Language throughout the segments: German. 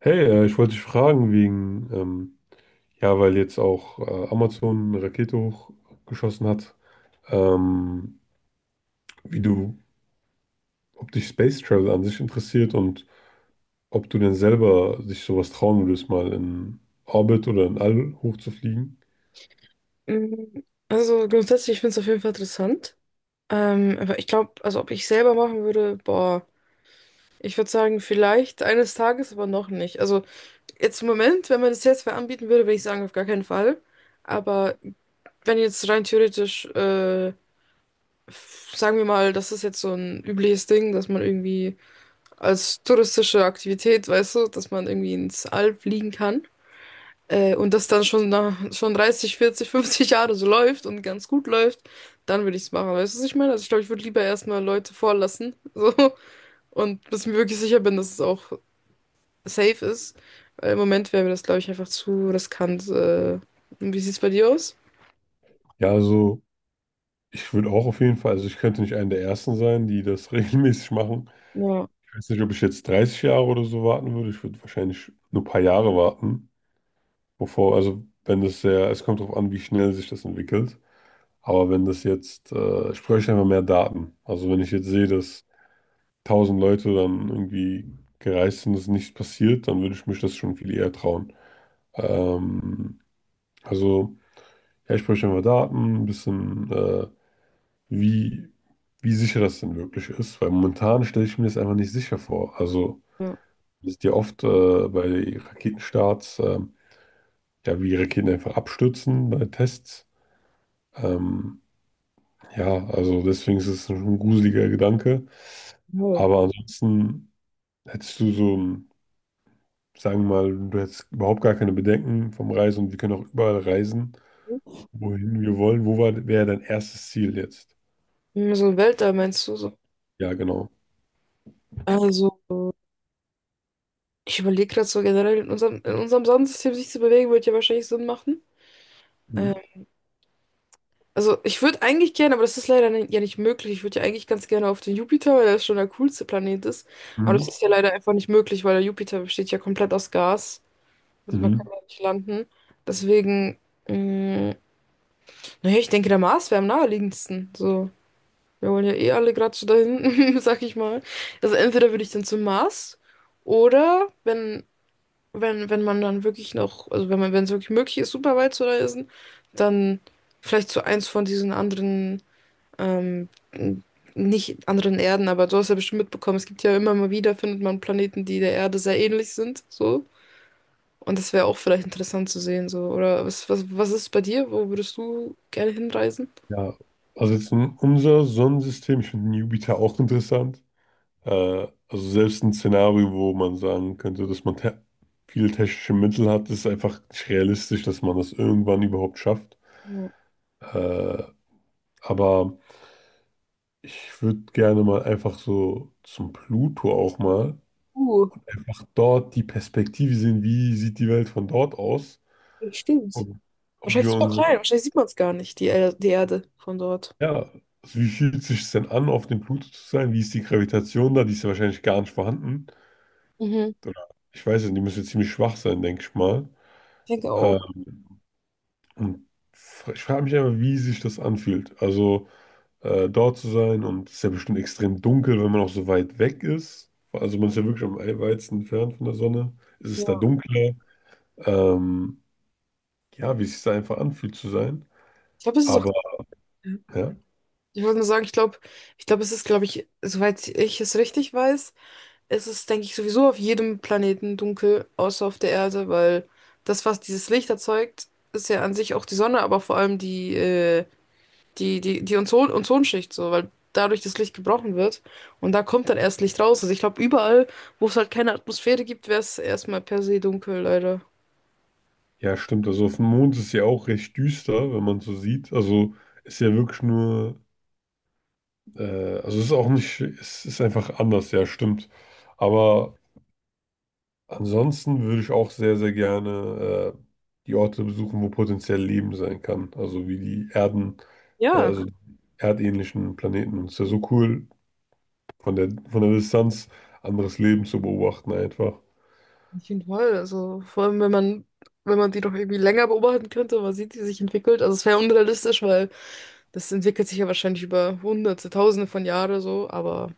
Hey, ich wollte dich fragen wegen, ja, weil jetzt auch Amazon eine Rakete hochgeschossen hat, ähm, wie du, ob dich Space Travel an sich interessiert und ob du denn selber dich sowas trauen würdest, mal in Orbit oder in All hochzufliegen. Mm, Also grundsätzlich finde ich es auf jeden Fall interessant. Aber ich glaube, also ob ich selber machen würde, boah, ich würde sagen, vielleicht eines Tages, aber noch nicht. Also jetzt im Moment, wenn man das jetzt wer anbieten würde, würde ich sagen, auf gar keinen Fall. Aber wenn jetzt rein theoretisch sagen wir mal, das ist jetzt so ein übliches Ding, dass man irgendwie als touristische Aktivität, weißt du, dass man irgendwie ins All fliegen kann. Und das dann schon, nach, schon 30, 40, 50 Jahre so läuft und ganz gut läuft, dann würde ich es machen. Weißt du, was ich meine? Also ich glaube, ich würde lieber erstmal Leute vorlassen. So, und bis ich mir wirklich sicher bin, dass es auch safe ist. Weil im Moment wäre mir das, glaube ich, einfach zu riskant. Und wie sieht's bei dir aus? Ja, also ich würde auch auf jeden Fall, also ich könnte nicht einer der Ersten sein, die das regelmäßig machen. Ja, Ich weiß nicht, ob ich jetzt 30 Jahre oder so warten würde. Ich würde wahrscheinlich nur ein paar Jahre warten, bevor, also wenn es sehr, es kommt darauf an, wie schnell sich das entwickelt. Aber wenn das jetzt, ich bräuchte einfach mehr Daten. Also wenn ich jetzt sehe, dass 1000 Leute dann irgendwie gereist sind, dass nichts passiert, dann würde ich mich das schon viel eher trauen. Ähm, also ja, ich bräuchte einfach Daten, ein bisschen, wie, wie sicher das denn wirklich ist. Weil momentan stelle ich mir das einfach nicht sicher vor. Also ja. es ist ja oft bei Raketenstarts, ja, wie Raketen einfach abstürzen bei Tests. Ähm, Ja, also deswegen ist es ein gruseliger Gedanke. Voll. Aber ansonsten hättest du so, sagen wir mal, du hättest überhaupt gar keine Bedenken vom Reisen und wir können auch überall reisen, wohin wir wollen. Wäre dein erstes Ziel jetzt? So Weltall meinst du so? Ja, genau. Also. Ich überlege gerade so generell, in unserem Sonnensystem sich zu bewegen, würde ja wahrscheinlich Sinn machen. Äh, Mhm. also ich würde eigentlich gerne, aber das ist leider ja nicht möglich. Ich würde ja eigentlich ganz gerne auf den Jupiter, weil er schon der coolste Planet ist. Aber das Mhm. ist ja leider einfach nicht möglich, weil der Jupiter besteht ja komplett aus Gas. Also man kann Mhm. da nicht landen. Deswegen, mh, naja, ich denke, der Mars wäre am naheliegendsten. So, wir wollen ja eh alle gerade so dahin, sag ich mal. Also entweder würde ich dann zum Mars oder wenn man dann wirklich noch, also wenn man, wenn es wirklich möglich ist, super weit zu reisen, dann vielleicht zu eins von diesen anderen, ähm, n- nicht anderen Erden, aber du hast ja bestimmt mitbekommen, es gibt ja immer mal wieder, findet man Planeten, die der Erde sehr ähnlich sind, so. Und das wäre auch vielleicht interessant zu sehen, so. Oder was ist bei dir? Wo würdest du gerne hinreisen? Ja, also jetzt in unser Sonnensystem, ich finde Jupiter auch interessant. Also selbst ein Szenario, wo man sagen könnte, dass man te viele technische Mittel hat, ist einfach nicht realistisch, dass man das irgendwann überhaupt schafft. Ja. Äh, Aber ich würde gerne mal einfach so zum Pluto auch mal Uh, einfach dort die Perspektive sehen, wie sieht die Welt von dort aus stimmt. und ob Wahrscheinlich wir super uns, klein, wahrscheinlich sieht man es gar nicht, die, die Erde von dort. ja, also wie fühlt sich es sich denn an, auf dem Pluto zu sein? Wie ist die Gravitation da? Die ist ja wahrscheinlich gar nicht vorhanden. Mhm. Oder ich weiß nicht, die müsste ziemlich schwach sein, denke ich mal. Ich denke auch, Ähm, und ich frage mich einfach, wie sich das anfühlt. Also dort zu sein. Und es ist ja bestimmt extrem dunkel, wenn man auch so weit weg ist. Also man ist ja wirklich am weitesten entfernt von der Sonne. Es ist da ja. dunkler. Ähm, ja, wie es sich da einfach anfühlt zu sein. Ich glaube, es ist auch. Aber ja, Ich wollte nur sagen, ich glaube, es ist, glaube ich, soweit ich es richtig weiß, es ist, denke ich, sowieso auf jedem Planeten dunkel, außer auf der Erde, weil das, was dieses Licht erzeugt, ist ja an sich auch die Sonne, aber vor allem die, die Ozon Ozonschicht, so, weil dadurch das Licht gebrochen wird und da kommt dann erst Licht raus. Also ich glaube, überall, wo es halt keine Atmosphäre gibt, wäre es erstmal per se dunkel, leider. ja, stimmt. Also auf dem Mond ist es ja auch recht düster, wenn man so sieht. Also ist ja wirklich nur, also es ist auch nicht, es ist einfach anders, ja, stimmt. Aber ansonsten würde ich auch sehr, sehr gerne die Orte besuchen, wo potenziell Leben sein kann. Also wie die Erden, Ja. also die erdähnlichen Planeten. Und es ist ja so cool, von der Distanz anderes Leben zu beobachten einfach. Auf jeden Fall. Also vor allem, wenn man die doch irgendwie länger beobachten könnte, man sieht, wie sie sich entwickelt. Also es wäre unrealistisch, weil das entwickelt sich ja wahrscheinlich über Hunderte, Tausende von Jahren so, aber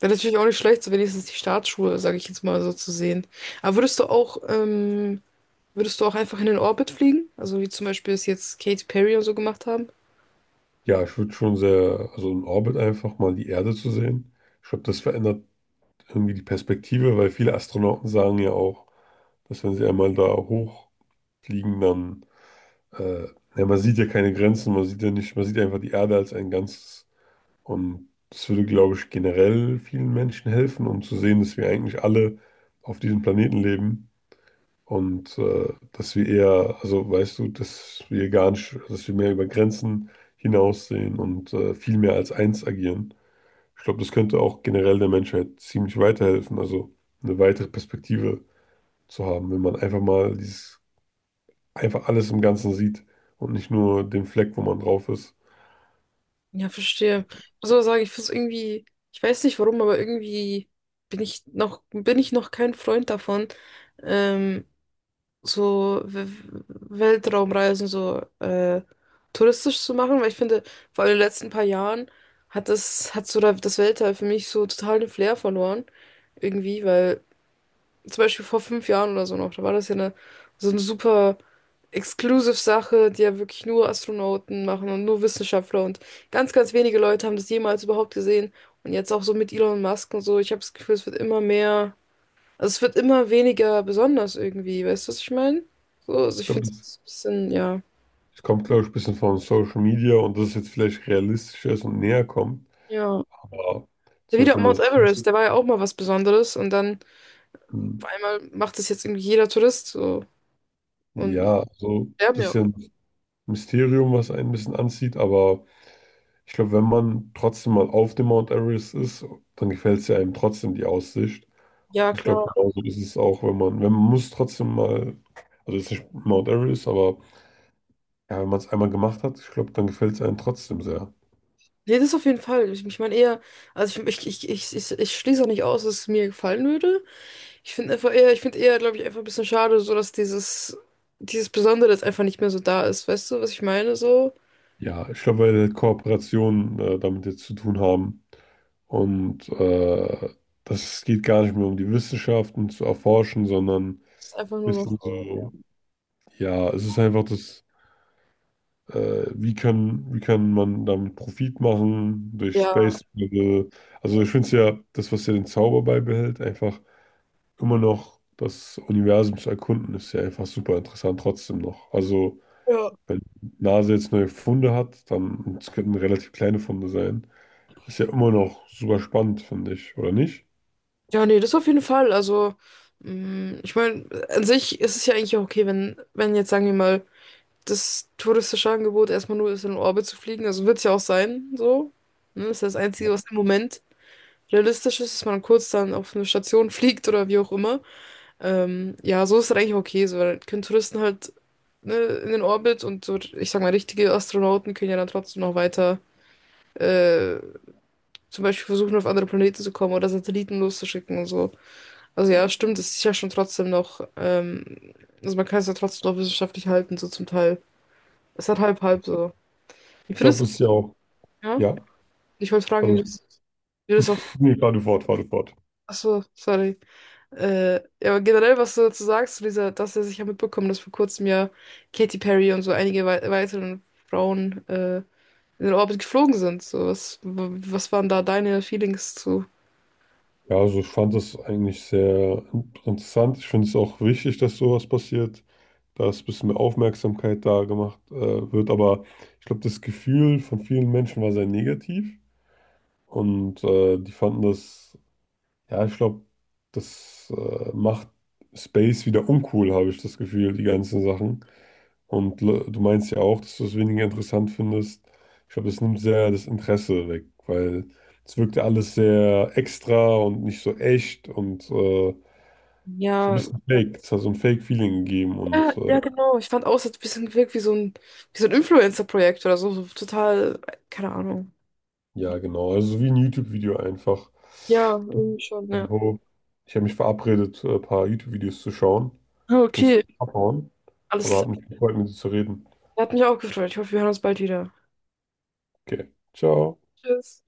wäre natürlich auch nicht schlecht, so wenigstens die Startschuhe, sage ich jetzt mal so zu sehen. Aber würdest du auch einfach in den Orbit fliegen? Also wie zum Beispiel es jetzt Katy Perry und so gemacht haben? Ja, ich würde schon sehr, also in Orbit einfach mal die Erde zu sehen. Ich glaube, das verändert irgendwie die Perspektive, weil viele Astronauten sagen ja auch, dass wenn sie einmal da hochfliegen, dann, äh, ja, man sieht ja keine Grenzen, man sieht ja nicht, man sieht einfach die Erde als ein Ganzes. Und das würde, glaube ich, generell vielen Menschen helfen, um zu sehen, dass wir eigentlich alle auf diesem Planeten leben und dass wir eher, also weißt du, dass wir gar nicht, dass wir mehr über Grenzen hinaussehen und viel mehr als eins agieren. Ich glaube, das könnte auch generell der Menschheit ziemlich weiterhelfen, also eine weitere Perspektive zu haben, wenn man einfach mal dieses, einfach alles im Ganzen sieht und nicht nur den Fleck, wo man drauf ist. Ja, verstehe. Ich muss aber sagen, ich finde es irgendwie, ich weiß nicht warum, aber irgendwie bin ich noch kein Freund davon, ähm, so Weltraumreisen so touristisch zu machen, weil ich finde, vor allem in den letzten paar Jahren hat das, hat so das Weltall für mich so total den Flair verloren, irgendwie, weil zum Beispiel vor 5 Jahren oder so noch, da war das ja eine, so eine super exclusive Sache, die ja wirklich nur Astronauten machen und nur Wissenschaftler und ganz, ganz wenige Leute haben das jemals überhaupt gesehen. Und jetzt auch so mit Elon Musk und so, ich habe das Gefühl, es wird immer mehr. Also es wird immer weniger besonders irgendwie, weißt du, was ich meine? So, also Ich ich glaube, finde es ein bisschen, ja. es kommt, glaube ich, ein bisschen von Social Media und dass es jetzt vielleicht realistischer ist und näher kommt. Ja. Aber Der zum wieder Beispiel, wenn Mount man das, Everest, der war ja auch mal was Besonderes und dann auf Hm, einmal macht das jetzt irgendwie jeder Tourist so. Und ja, so ein sterben ja. bisschen Mysterium, was einen ein bisschen anzieht. Aber ich glaube, wenn man trotzdem mal auf dem Mount Everest ist, dann gefällt es ja einem trotzdem die Aussicht. Ja, Und ich glaube, klar. genauso ist es auch, wenn man, muss trotzdem mal, also jetzt nicht Mount Everest, aber ja, wenn man es einmal gemacht hat, ich glaube, dann gefällt es einem trotzdem sehr. Nee, das auf jeden Fall. Ich meine eher, also ich schließe auch nicht aus, dass es mir gefallen würde. Ich finde einfach eher, glaube ich, einfach ein bisschen schade, so dass dieses Besondere jetzt einfach nicht mehr so da ist. Weißt du, was ich meine? So, Ja, ich glaube, weil Kooperationen damit jetzt zu tun haben. Und das geht gar nicht mehr um die Wissenschaften zu erforschen, sondern ein es ist einfach nur noch, bisschen so, ja. so, ja, es ist einfach das, wie kann man damit Profit machen durch Ja. Space Travel. Also ich finde es ja, das, was ja den Zauber beibehält, einfach immer noch das Universum zu erkunden, ist ja einfach super interessant trotzdem noch. Also Ja. wenn NASA jetzt neue Funde hat, dann, und es könnten relativ kleine Funde sein, ist ja immer noch super spannend, finde ich, oder nicht? Ja, nee, das auf jeden Fall. Also, ich meine, an sich ist es ja eigentlich auch okay, wenn jetzt, sagen wir mal, das touristische Angebot erstmal nur ist, in den Orbit zu fliegen. Also wird es ja auch sein, so. Ne? Das ist das Einzige, was im Moment realistisch ist, dass man kurz dann auf eine Station fliegt oder wie auch immer. Ja, so ist das eigentlich okay, so, weil können Touristen halt, ne, in den Orbit und so, ich sag mal, richtige Astronauten können ja dann trotzdem noch weiter, äh, zum Beispiel versuchen, auf andere Planeten zu kommen oder Satelliten loszuschicken und so. Also ja, stimmt, es ist ja schon trotzdem noch, also man kann es ja trotzdem noch wissenschaftlich halten, so zum Teil. Es hat halb halb so. Wie Ich findest glaube, du es ist es? ja auch. Ja? Ja, Ich wollte fragen, wie du also, das, wie du das auch. nee, fahr du fort, fahr du fort. Achso, sorry. Äh, ja, aber generell, was du dazu sagst, zu dieser, dass er sich ja mitbekommen, dass vor kurzem ja Katy Perry und so einige weiteren Frauen in den Orbit geflogen sind. So, was, was waren da deine Feelings zu? Ja, also ich fand das eigentlich sehr interessant. Ich finde es auch wichtig, dass sowas passiert, dass ein bisschen mehr Aufmerksamkeit da gemacht wird. Aber ich glaube, das Gefühl von vielen Menschen war sehr negativ und die fanden das, ja, ich glaube, das macht Space wieder uncool, habe ich das Gefühl, die ganzen Sachen. Und du meinst ja auch, dass du es weniger interessant findest. Ich glaube, das nimmt sehr das Interesse weg, weil es wirkte alles sehr extra und nicht so echt und so ein Ja, bisschen fake. Es hat so ein Fake-Feeling gegeben ja, und ja, genau. Ich fand auch, es hat ein bisschen gewirkt wie so ein Influencer-Projekt oder so. So total, keine Ahnung. ja, genau. Also so wie ein YouTube-Video einfach. Ja, irgendwie schon, ja. Also, ich habe mich verabredet, ein paar YouTube-Videos zu schauen. Ich müsste Okay, abhauen, alles aber klar. hat mich gefreut, mit dir zu reden. Hat mich auch gefreut. Ich hoffe, wir hören uns bald wieder. Okay, ciao. Tschüss.